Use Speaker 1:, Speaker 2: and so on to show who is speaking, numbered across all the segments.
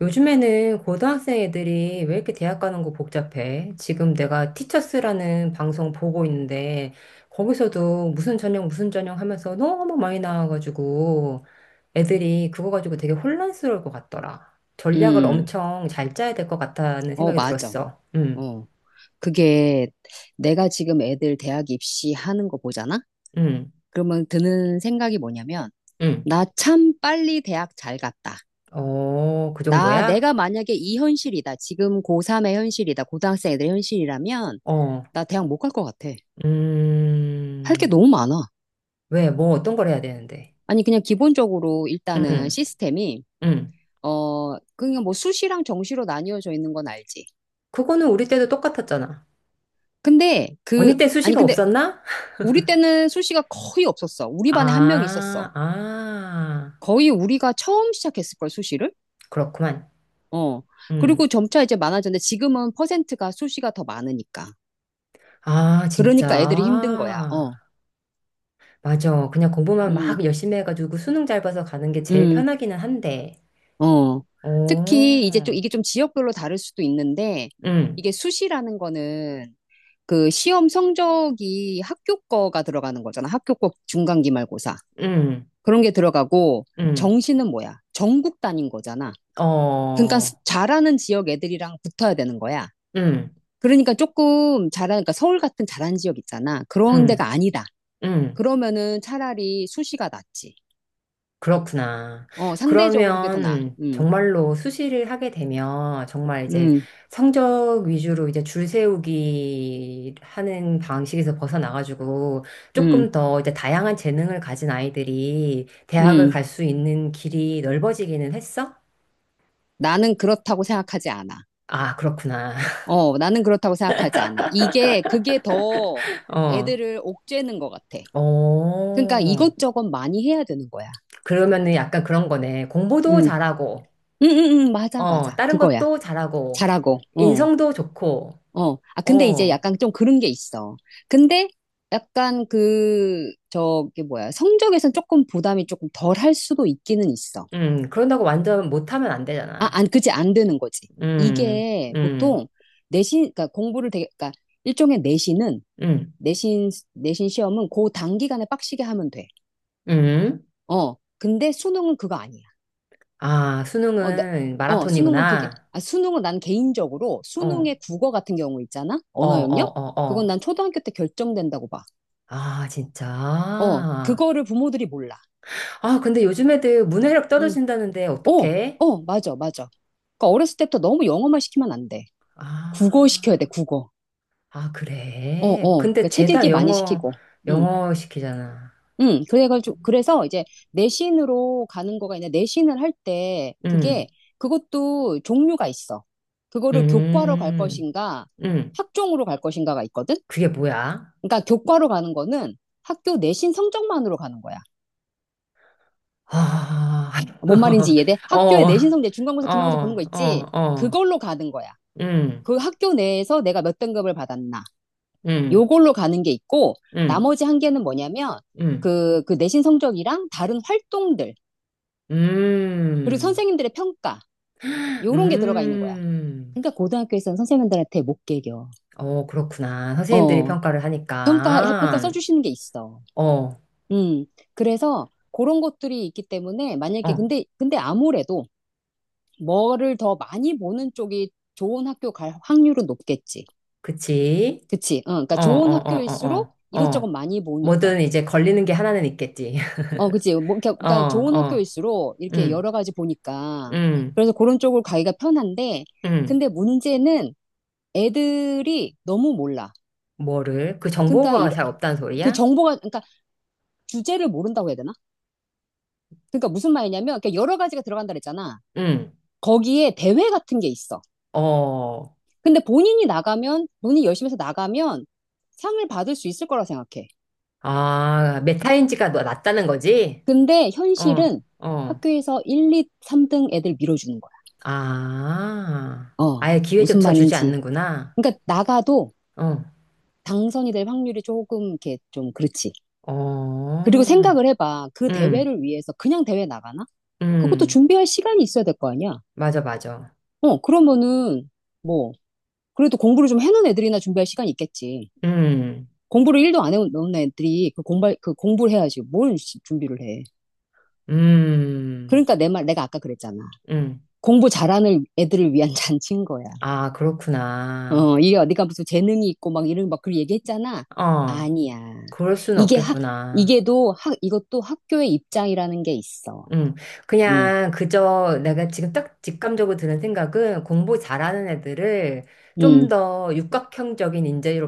Speaker 1: 요즘에는 고등학생 애들이 왜 이렇게 대학 가는 거 복잡해? 지금 내가 티처스라는 방송 보고 있는데 거기서도 무슨 전형 무슨 전형 하면서 너무 많이 나와가지고 애들이 그거 가지고 되게 혼란스러울 것 같더라. 전략을
Speaker 2: 음,
Speaker 1: 엄청 잘 짜야 될 것 같다는
Speaker 2: 어,
Speaker 1: 생각이
Speaker 2: 맞아.
Speaker 1: 들었어. 응,
Speaker 2: 어. 그게 내가 지금 애들 대학 입시하는 거 보잖아?
Speaker 1: 응,
Speaker 2: 그러면 드는 생각이 뭐냐면,
Speaker 1: 응.
Speaker 2: 나 참 빨리 대학 잘 갔다.
Speaker 1: 어, 그
Speaker 2: 나,
Speaker 1: 정도야?
Speaker 2: 내가 만약에 이 현실이다. 지금 고3의 현실이다. 고등학생 애들 현실이라면,
Speaker 1: 어,
Speaker 2: 나 대학 못 갈 것 같아. 할 게
Speaker 1: 음,
Speaker 2: 너무 많아.
Speaker 1: 왜, 뭐 어떤 걸 해야 되는데?
Speaker 2: 아니, 그냥 기본적으로 일단은
Speaker 1: 응,
Speaker 2: 시스템이,
Speaker 1: 응.
Speaker 2: 어, 그냥 뭐 수시랑 정시로 나뉘어져 있는 건 알지.
Speaker 1: 그거는 우리 때도 똑같았잖아.
Speaker 2: 근데
Speaker 1: 언니 때
Speaker 2: 아니,
Speaker 1: 수시가
Speaker 2: 근데
Speaker 1: 없었나?
Speaker 2: 우리 때는 수시가 거의 없었어. 우리 반에 한 명
Speaker 1: 아,
Speaker 2: 있었어.
Speaker 1: 아,
Speaker 2: 거의 우리가 처음 시작했을걸, 수시를?
Speaker 1: 그렇구만.
Speaker 2: 어. 그리고
Speaker 1: 음.
Speaker 2: 점차 이제 많아졌는데 지금은 퍼센트가 수시가 더 많으니까.
Speaker 1: 아,
Speaker 2: 그러니까 애들이 힘든
Speaker 1: 진짜.
Speaker 2: 거야. 어.
Speaker 1: 맞아. 그냥 공부만 막
Speaker 2: 음,
Speaker 1: 열심히 해가지고 수능 잘 봐서 가는 게 제일
Speaker 2: 음,
Speaker 1: 편하기는 한데.
Speaker 2: 어.
Speaker 1: 오,
Speaker 2: 특히 이제 좀 이게 좀 지역별로 다를 수도 있는데
Speaker 1: 음,
Speaker 2: 이게 수시라는 거는 그 시험 성적이 학교 거가 들어가는 거잖아. 학교 거 중간기말고사.
Speaker 1: 음,
Speaker 2: 그런 게 들어가고
Speaker 1: 음,
Speaker 2: 정시는 뭐야? 전국 단위인 거잖아. 그러니까
Speaker 1: 어,
Speaker 2: 잘하는 지역 애들이랑 붙어야 되는 거야.
Speaker 1: 음,
Speaker 2: 그러니까 조금 잘하 그러니까 서울 같은 잘한 지역 있잖아. 그런
Speaker 1: 음,
Speaker 2: 데가 아니다.
Speaker 1: 음.
Speaker 2: 그러면은 차라리 수시가 낫지.
Speaker 1: 그렇구나.
Speaker 2: 어, 상대적으로 그게 더 나아.
Speaker 1: 그러면 정말로 수시를 하게 되면 정말 이제
Speaker 2: 음,
Speaker 1: 성적 위주로 이제 줄 세우기 하는 방식에서 벗어나가지고
Speaker 2: 음,
Speaker 1: 조금 더 이제 다양한 재능을 가진 아이들이 대학을
Speaker 2: 음.
Speaker 1: 갈 수 있는 길이 넓어지기는 했어?
Speaker 2: 나는 그렇다고 생각하지 않아.
Speaker 1: 아, 그렇구나.
Speaker 2: 어, 나는 그렇다고 생각하지 않아. 그게 더
Speaker 1: 어,
Speaker 2: 애들을 옥죄는 것 같아. 그러니까
Speaker 1: 어.
Speaker 2: 이것저것 많이 해야 되는 거야.
Speaker 1: 그러면은 약간 그런 거네. 공부도
Speaker 2: 음,
Speaker 1: 잘하고,
Speaker 2: 맞아,
Speaker 1: 어,
Speaker 2: 맞아.
Speaker 1: 다른
Speaker 2: 그거야.
Speaker 1: 것도 잘하고,
Speaker 2: 잘하고, 어.
Speaker 1: 인성도 좋고,
Speaker 2: 어, 아, 근데 이제
Speaker 1: 어.
Speaker 2: 약간 좀 그런 게 있어. 근데 약간 그, 저기 뭐야, 성적에선 조금 부담이 조금 덜 할 수도 있기는 있어.
Speaker 1: 그런다고 완전 못하면 안
Speaker 2: 아,
Speaker 1: 되잖아.
Speaker 2: 안, 그지, 안 되는 거지.
Speaker 1: 음,
Speaker 2: 이게
Speaker 1: 음,
Speaker 2: 보통 내신, 그러니까 공부를 되게, 그러니까 일종의 내신은,
Speaker 1: 음,
Speaker 2: 내신 시험은 그 단기간에 빡시게 하면 돼.
Speaker 1: 음.
Speaker 2: 어, 근데 수능은 그거 아니야.
Speaker 1: 아,
Speaker 2: 어,
Speaker 1: 수능은
Speaker 2: 어, 수능은 그게,
Speaker 1: 마라톤이구나.
Speaker 2: 아, 수능은 난 개인적으로
Speaker 1: 어, 어,
Speaker 2: 수능의 국어 같은 경우 있잖아?
Speaker 1: 어,
Speaker 2: 언어 영역?
Speaker 1: 어,
Speaker 2: 그건
Speaker 1: 어.
Speaker 2: 난 초등학교 때 결정된다고 봐.
Speaker 1: 아, 진짜.
Speaker 2: 어,
Speaker 1: 아,
Speaker 2: 그거를 부모들이 몰라.
Speaker 1: 근데 요즘 애들 문해력
Speaker 2: 응.
Speaker 1: 떨어진다는데
Speaker 2: 어,
Speaker 1: 어떡해?
Speaker 2: 어, 맞아, 맞아. 그러니까 어렸을 때부터 너무 영어만 시키면 안 돼.
Speaker 1: 아,
Speaker 2: 국어 시켜야 돼, 국어.
Speaker 1: 아,
Speaker 2: 어,
Speaker 1: 그래.
Speaker 2: 어. 그러니까
Speaker 1: 근데
Speaker 2: 책
Speaker 1: 죄다
Speaker 2: 읽기 많이
Speaker 1: 영어,
Speaker 2: 시키고. 응,
Speaker 1: 영어 시키잖아.
Speaker 2: 응. 그래가지고, 그래서 이제 내신으로 가는 거가 있는데, 내신을 할 때,
Speaker 1: 음,
Speaker 2: 그게, 그것도 종류가 있어. 그거를 교과로 갈
Speaker 1: 음,
Speaker 2: 것인가,
Speaker 1: 음.
Speaker 2: 학종으로 갈 것인가가 있거든?
Speaker 1: 그게 뭐야?
Speaker 2: 그러니까 교과로 가는 거는 학교 내신 성적만으로 가는 거야.
Speaker 1: 아,
Speaker 2: 뭔 말인지 이해돼? 학교의
Speaker 1: 어,
Speaker 2: 내신 성적, 중간고사, 기말고사 보는
Speaker 1: 어,
Speaker 2: 거
Speaker 1: 어,
Speaker 2: 있지?
Speaker 1: 어.
Speaker 2: 그걸로 가는 거야.
Speaker 1: 음,
Speaker 2: 그 학교 내에서 내가 몇 등급을 받았나.
Speaker 1: 음,
Speaker 2: 요걸로 가는 게 있고,
Speaker 1: 음,
Speaker 2: 나머지 한 개는 뭐냐면,
Speaker 1: 음, 음,
Speaker 2: 그 내신 성적이랑 다른 활동들, 그리고
Speaker 1: 음.
Speaker 2: 선생님들의 평가,
Speaker 1: 음,
Speaker 2: 요런 게 들어가 있는 거야.
Speaker 1: 음.
Speaker 2: 그러니까 고등학교에서는 선생님들한테 못 개겨.
Speaker 1: 어, 그렇구나. 선생님들이
Speaker 2: 어,
Speaker 1: 평가를
Speaker 2: 평가
Speaker 1: 하니까.
Speaker 2: 써주시는 게 있어.
Speaker 1: 어,
Speaker 2: 음, 그래서 그런 것들이 있기 때문에 만약에,
Speaker 1: 어,
Speaker 2: 근데 아무래도 뭐를 더 많이 보는 쪽이 좋은 학교 갈 확률은 높겠지.
Speaker 1: 그치?
Speaker 2: 그치? 어, 그러니까
Speaker 1: 어, 어,
Speaker 2: 좋은
Speaker 1: 어,
Speaker 2: 학교일수록
Speaker 1: 어, 어,
Speaker 2: 이것저것
Speaker 1: 어.
Speaker 2: 많이 보니까.
Speaker 1: 뭐든 이제 걸리는 게 하나는 있겠지.
Speaker 2: 어, 그치. 뭐,
Speaker 1: 어,
Speaker 2: 그러니까 좋은
Speaker 1: 어,
Speaker 2: 학교일수록 이렇게
Speaker 1: 음,
Speaker 2: 여러 가지 보니까.
Speaker 1: 음,
Speaker 2: 그래서 그런 쪽으로 가기가 편한데,
Speaker 1: 음.
Speaker 2: 근데 문제는 애들이 너무 몰라.
Speaker 1: 뭐를? 그
Speaker 2: 그러니까
Speaker 1: 정보가 잘 없다는
Speaker 2: 그
Speaker 1: 소리야?
Speaker 2: 정보가 그러니까 주제를 모른다고 해야 되나? 그러니까 무슨 말이냐면 그러니까 여러 가지가 들어간다 그랬잖아.
Speaker 1: 음,
Speaker 2: 거기에 대회 같은 게 있어.
Speaker 1: 어.
Speaker 2: 근데 본인이 나가면 본인이 열심히 해서 나가면 상을 받을 수 있을 거라 생각해.
Speaker 1: 아, 메타인지가 낮다는 거지?
Speaker 2: 근데
Speaker 1: 어,
Speaker 2: 현실은
Speaker 1: 어.
Speaker 2: 학교에서 1, 2, 3등 애들 밀어주는 거야.
Speaker 1: 아,
Speaker 2: 어,
Speaker 1: 아예
Speaker 2: 무슨
Speaker 1: 기회조차 주지
Speaker 2: 말인지.
Speaker 1: 않는구나.
Speaker 2: 그러니까 나가도
Speaker 1: 어,
Speaker 2: 당선이 될 확률이 조금 이렇게 좀 그렇지. 그리고
Speaker 1: 어,
Speaker 2: 생각을 해봐. 그
Speaker 1: 음,
Speaker 2: 대회를 위해서 그냥 대회 나가나? 그것도
Speaker 1: 음,
Speaker 2: 준비할 시간이 있어야 될 거 아니야?
Speaker 1: 맞아, 맞아.
Speaker 2: 어, 그러면은 뭐 그래도 공부를 좀 해놓은 애들이나 준비할 시간이 있겠지.
Speaker 1: 음,
Speaker 2: 공부를 일도안 해놓은 애들이 그 공부 그 공부를 해야지 뭘 준비를 해.
Speaker 1: 음,
Speaker 2: 그러니까 내 말 내가 아까 그랬잖아.
Speaker 1: 음.
Speaker 2: 공부 잘하는 애들을 위한 잔치인 거야.
Speaker 1: 아, 그렇구나.
Speaker 2: 어, 이게 어디가 무슨 재능이 있고 막 이런 막 그런 얘기했잖아.
Speaker 1: 어,
Speaker 2: 아니야.
Speaker 1: 그럴 수는
Speaker 2: 이게 학,
Speaker 1: 없겠구나.
Speaker 2: 이게도 이것도 학교의 입장이라는 게 있어.
Speaker 1: 음,
Speaker 2: 응,
Speaker 1: 그냥 그저 내가 지금 딱 직감적으로 드는 생각은 공부 잘하는 애들을 좀
Speaker 2: 응.
Speaker 1: 더 육각형적인 인재로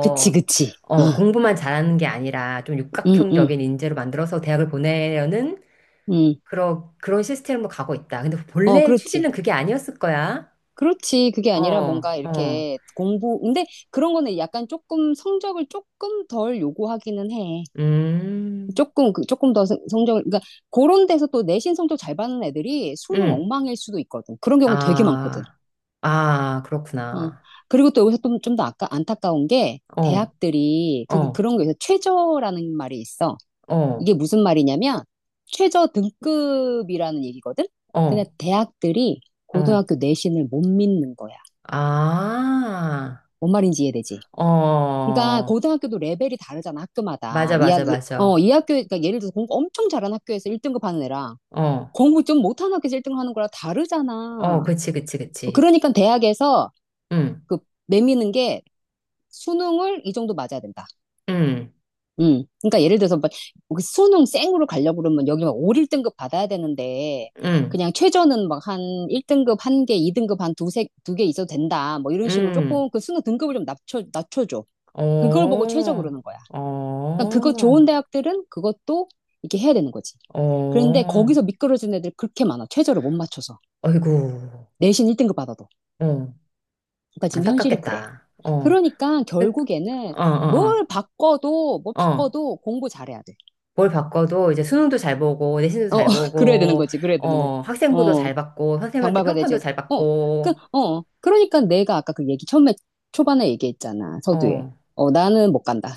Speaker 2: 그치, 그치.
Speaker 1: 어,
Speaker 2: 어,
Speaker 1: 공부만 잘하는 게 아니라 좀
Speaker 2: 응, 응,
Speaker 1: 육각형적인 인재로 만들어서 대학을 보내려는
Speaker 2: 응.
Speaker 1: 그런 그런 시스템으로 가고 있다. 근데
Speaker 2: 어,
Speaker 1: 본래
Speaker 2: 그렇지.
Speaker 1: 취지는 그게 아니었을 거야.
Speaker 2: 그렇지. 그게 아니라
Speaker 1: 어,
Speaker 2: 뭔가
Speaker 1: 어,
Speaker 2: 이렇게 공부, 근데 그런 거는 약간 조금 성적을 조금 덜 요구하기는 해.
Speaker 1: 음,
Speaker 2: 조금, 조금 더 성적을, 그러니까 그런 데서 또 내신 성적 잘 받는 애들이 수능
Speaker 1: 음,
Speaker 2: 엉망일 수도 있거든. 그런 경우 되게 많거든.
Speaker 1: 아, 아,
Speaker 2: 어.
Speaker 1: 그렇구나.
Speaker 2: 그리고 또 여기서 좀 더 아까 안타까운 게
Speaker 1: 어,
Speaker 2: 대학들이
Speaker 1: 어,
Speaker 2: 그런 거에서 최저라는 말이 있어.
Speaker 1: 어,
Speaker 2: 이게 무슨 말이냐면 최저 등급이라는 얘기거든? 근데
Speaker 1: 어,
Speaker 2: 대학들이
Speaker 1: 어.
Speaker 2: 고등학교 내신을 못 믿는 거야.
Speaker 1: 아,
Speaker 2: 뭔 말인지 이해되지? 그러니까
Speaker 1: 어,
Speaker 2: 고등학교도 레벨이 다르잖아, 학교마다.
Speaker 1: 맞아, 맞아,
Speaker 2: 어,
Speaker 1: 맞아.
Speaker 2: 이 학교, 그러니까 예를 들어서 공부 엄청 잘하는 학교에서 1등급 하는 애랑
Speaker 1: 어,
Speaker 2: 공부 좀 못하는 학교에서 1등 급 하는 거랑 다르잖아.
Speaker 1: 어, 그치, 그치, 그치.
Speaker 2: 그러니까 대학에서
Speaker 1: 응,
Speaker 2: 그 내미는 게 수능을 이 정도 맞아야 된다.
Speaker 1: 응,
Speaker 2: 음. 그러니까 예를 들어서 막 수능 쌩으로 가려고 그러면 여기 막 5, 1등급 받아야 되는데
Speaker 1: 응,
Speaker 2: 그냥 최저는 막 한 1등급 한 개, 2등급 한 두세 두 개 있어도 된다. 뭐 이런 식으로
Speaker 1: 응,
Speaker 2: 조금 그 수능 등급을 좀 낮춰줘. 그걸 보고
Speaker 1: 어,
Speaker 2: 최저 그러는 거야. 그러니까 그거
Speaker 1: 어,
Speaker 2: 좋은 대학들은 그것도 이렇게 해야 되는 거지. 그런데
Speaker 1: 어,
Speaker 2: 거기서 미끄러진 애들 그렇게 많아. 최저를 못 맞춰서.
Speaker 1: 어이구,
Speaker 2: 내신 1등급 받아도.
Speaker 1: 어,
Speaker 2: 그러니까 지금 현실이 그래.
Speaker 1: 안타깝겠다. 어,
Speaker 2: 그러니까
Speaker 1: 그-
Speaker 2: 결국에는
Speaker 1: 어, 어,
Speaker 2: 뭘
Speaker 1: 어, 어.
Speaker 2: 바꿔도 공부 잘해야 돼.
Speaker 1: 뭘 바꿔도 이제 수능도 잘 보고, 내신도
Speaker 2: 어,
Speaker 1: 잘
Speaker 2: 그래야 되는
Speaker 1: 보고,
Speaker 2: 거지. 그래야 되는 거지.
Speaker 1: 어, 학생부도
Speaker 2: 어,
Speaker 1: 잘 받고, 선생님한테
Speaker 2: 장발가
Speaker 1: 평판도
Speaker 2: 되지.
Speaker 1: 잘
Speaker 2: 어, 그,
Speaker 1: 받고,
Speaker 2: 어, 그러니까 내가 아까 그 얘기 처음에 초반에 얘기했잖아. 서두에.
Speaker 1: 어,
Speaker 2: 어, 나는 못 간다.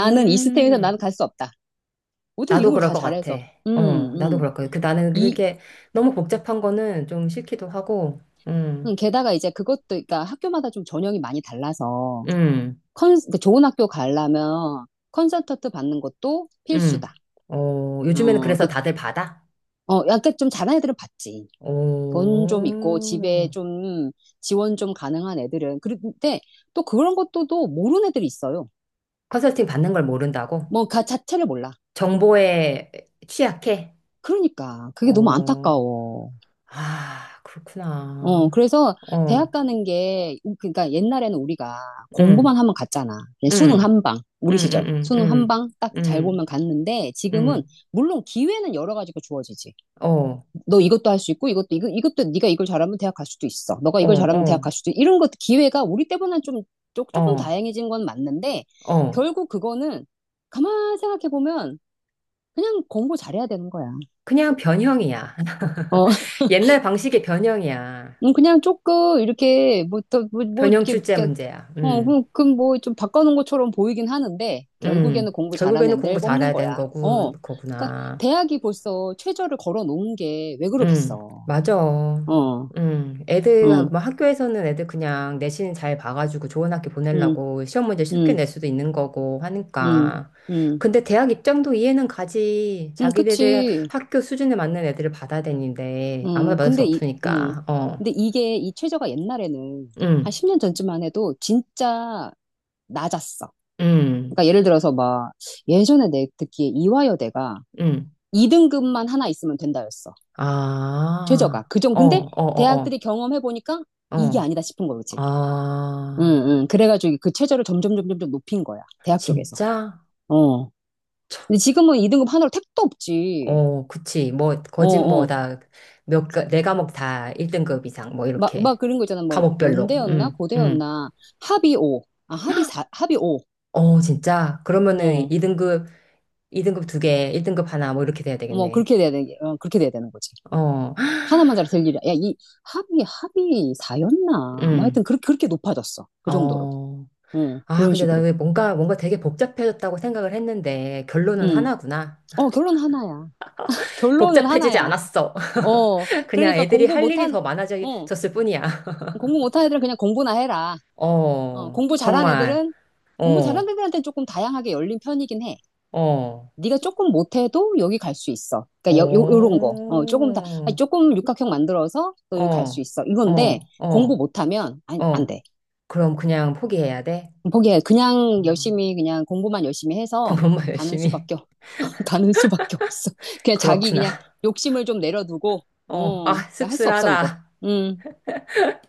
Speaker 2: 나는 이 스템에서 나는 갈 수 없다. 어떻게
Speaker 1: 나도
Speaker 2: 이름을
Speaker 1: 그럴
Speaker 2: 다
Speaker 1: 것 같아.
Speaker 2: 잘해서.
Speaker 1: 어,
Speaker 2: 음,
Speaker 1: 나도
Speaker 2: 음.
Speaker 1: 그럴 거야. 그 나는
Speaker 2: 이,
Speaker 1: 그게 너무 복잡한 거는 좀 싫기도 하고, 음,
Speaker 2: 게다가 이제 그것도, 그러니까 학교마다 좀 전형이 많이 달라서
Speaker 1: 음,
Speaker 2: 그 좋은 학교 가려면 설턴트 받는 것도
Speaker 1: 음.
Speaker 2: 필수다.
Speaker 1: 어, 요즘에는
Speaker 2: 어,
Speaker 1: 그래서
Speaker 2: 그,
Speaker 1: 다들 받아?
Speaker 2: 어, 약간 좀 잘하는 애들은 받지 돈 좀 있고 집에
Speaker 1: 오,
Speaker 2: 좀 지원 좀 가능한 애들은 그런데 또 그런 것도 또 모르는 애들이 있어요.
Speaker 1: 컨설팅 받는 걸 모른다고?
Speaker 2: 뭐가 자체를 몰라.
Speaker 1: 정보에 취약해?
Speaker 2: 그러니까 그게 너무
Speaker 1: 어,
Speaker 2: 안타까워.
Speaker 1: 아,
Speaker 2: 어
Speaker 1: 그렇구나.
Speaker 2: 그래서 대학
Speaker 1: 어,
Speaker 2: 가는 게 그러니까 옛날에는 우리가 공부만
Speaker 1: 음,
Speaker 2: 하면 갔잖아. 그냥 수능
Speaker 1: 음,
Speaker 2: 한 방.
Speaker 1: 음,
Speaker 2: 우리 시절
Speaker 1: 음, 음,
Speaker 2: 수능 한
Speaker 1: 음,
Speaker 2: 방 딱
Speaker 1: 음,
Speaker 2: 잘 보면 갔는데 지금은
Speaker 1: 음.
Speaker 2: 물론 기회는 여러 가지가 주어지지.
Speaker 1: 어,
Speaker 2: 너 이것도 할 수 있고 이것도 네가 이걸 잘하면 대학 갈 수도 있어. 너가
Speaker 1: 어,
Speaker 2: 이걸 잘하면 대학
Speaker 1: 어,
Speaker 2: 갈 수도 이런 것 기회가 우리 때보다는 좀 조금
Speaker 1: 어,
Speaker 2: 다양해진 건 맞는데
Speaker 1: 어.
Speaker 2: 결국 그거는 가만 생각해 보면 그냥 공부 잘해야 되는 거야.
Speaker 1: 그냥 변형이야.
Speaker 2: 어,
Speaker 1: 옛날 방식의 변형이야.
Speaker 2: 그냥 조금 이렇게 뭐또뭐 뭐뭐
Speaker 1: 변형
Speaker 2: 이렇게
Speaker 1: 출제
Speaker 2: 이렇게
Speaker 1: 문제야.
Speaker 2: 어, 그럼 뭐좀 바꿔놓은 것처럼 보이긴 하는데 결국에는 공부
Speaker 1: 결국에는
Speaker 2: 잘하는 애들
Speaker 1: 공부
Speaker 2: 뽑는
Speaker 1: 잘해야 되는
Speaker 2: 거야.
Speaker 1: 거구,
Speaker 2: 어, 그러니까
Speaker 1: 거구나.
Speaker 2: 대학이 벌써 최저를 걸어 놓은 게 왜
Speaker 1: 음,
Speaker 2: 그러겠어.
Speaker 1: 맞아.
Speaker 2: 어,
Speaker 1: 애들,
Speaker 2: 응,
Speaker 1: 뭐 학교에서는 애들 그냥 내신 잘 봐가지고 좋은 학교
Speaker 2: 응,
Speaker 1: 보내려고 시험 문제 쉽게
Speaker 2: 응.
Speaker 1: 낼 수도 있는 거고
Speaker 2: 음,
Speaker 1: 하니까.
Speaker 2: 음,
Speaker 1: 근데 대학 입장도 이해는 가지. 자기네들
Speaker 2: 그치.
Speaker 1: 학교 수준에 맞는 애들을 받아야 되는데, 아무나 받을 수
Speaker 2: 근데 이,
Speaker 1: 없으니까. 어,
Speaker 2: 근데 이게 이 최저가 옛날에는 한
Speaker 1: 음,
Speaker 2: 10년 전쯤만 해도 진짜 낮았어.
Speaker 1: 음,
Speaker 2: 그러니까 예를 들어서 막 예전에 내 듣기에 이화여대가
Speaker 1: 음.
Speaker 2: 2등급만 하나 있으면 된다였어. 최저가.
Speaker 1: 아,
Speaker 2: 그 정,
Speaker 1: 어,
Speaker 2: 근데
Speaker 1: 어, 어, 어.
Speaker 2: 대학들이 경험해보니까 이게
Speaker 1: 어.
Speaker 2: 아니다 싶은 거지. 응,
Speaker 1: 아,
Speaker 2: 응. 그래가지고 그 최저를 점점, 점점, 점 높인 거야. 대학 쪽에서.
Speaker 1: 진짜?
Speaker 2: 어.
Speaker 1: 참,
Speaker 2: 근데 지금은 2등급 하나로 택도 없지.
Speaker 1: 어, 그치. 뭐, 거짓뭐,
Speaker 2: 어어.
Speaker 1: 다, 몇, 네 과목 다 1등급 이상, 뭐,
Speaker 2: 막
Speaker 1: 이렇게.
Speaker 2: 그런 거 있잖아. 뭐,
Speaker 1: 과목별로.
Speaker 2: 연대였나? 고대였나? 합이 5. 아, 합이 4, 합이 5.
Speaker 1: 어, 진짜? 그러면은
Speaker 2: 어,
Speaker 1: 2등급, 2등급 두 개, 1등급 하나, 뭐, 이렇게 돼야
Speaker 2: 뭐,
Speaker 1: 되겠네.
Speaker 2: 어, 그렇게 돼야 되는 거지.
Speaker 1: 어,
Speaker 2: 하나만 잘 될 일이야. 야, 이 합이 4였나? 뭐, 하여튼,
Speaker 1: 음,
Speaker 2: 그렇게 높아졌어. 그 정도로.
Speaker 1: 어.
Speaker 2: 어,
Speaker 1: 아,
Speaker 2: 그런
Speaker 1: 근데 나
Speaker 2: 식으로.
Speaker 1: 왜 뭔가, 뭔가 되게 복잡해졌다고 생각을 했는데, 결론은
Speaker 2: 음.
Speaker 1: 하나구나.
Speaker 2: 어, 결론 하나야. 결론은
Speaker 1: 복잡해지지
Speaker 2: 하나야.
Speaker 1: 않았어.
Speaker 2: 어,
Speaker 1: 그냥
Speaker 2: 그러니까
Speaker 1: 애들이 할 일이 더
Speaker 2: 어,
Speaker 1: 많아졌을 뿐이야.
Speaker 2: 공부 못한 애들은 그냥 공부나 해라. 어,
Speaker 1: 어,
Speaker 2: 공부 잘한
Speaker 1: 정말.
Speaker 2: 애들은, 공부 잘한
Speaker 1: 어.
Speaker 2: 애들한테는 조금 다양하게 열린 편이긴 해.
Speaker 1: 어,
Speaker 2: 네가 조금 못해도 여기 갈 수 있어. 그러니까 요런
Speaker 1: 어,
Speaker 2: 거. 어, 조금 다, 아니, 조금 육각형 만들어서 너 여기 갈 수
Speaker 1: 어,
Speaker 2: 있어. 이건데
Speaker 1: 어,
Speaker 2: 공부
Speaker 1: 어,
Speaker 2: 못하면 안
Speaker 1: 어.
Speaker 2: 돼.
Speaker 1: 그럼 그냥 포기해야 돼?
Speaker 2: 포기해. 그냥
Speaker 1: 그
Speaker 2: 열심히 그냥 공부만 열심히 해서
Speaker 1: 공부만
Speaker 2: 가는
Speaker 1: 열심히.
Speaker 2: 수밖에 가는 수밖에 없어. 그냥 자기 그냥
Speaker 1: 그렇구나.
Speaker 2: 욕심을 좀 내려두고
Speaker 1: 어,
Speaker 2: 어,
Speaker 1: 아,
Speaker 2: 그러니까 할 수 없어 그거.
Speaker 1: 씁쓸하다.
Speaker 2: 음.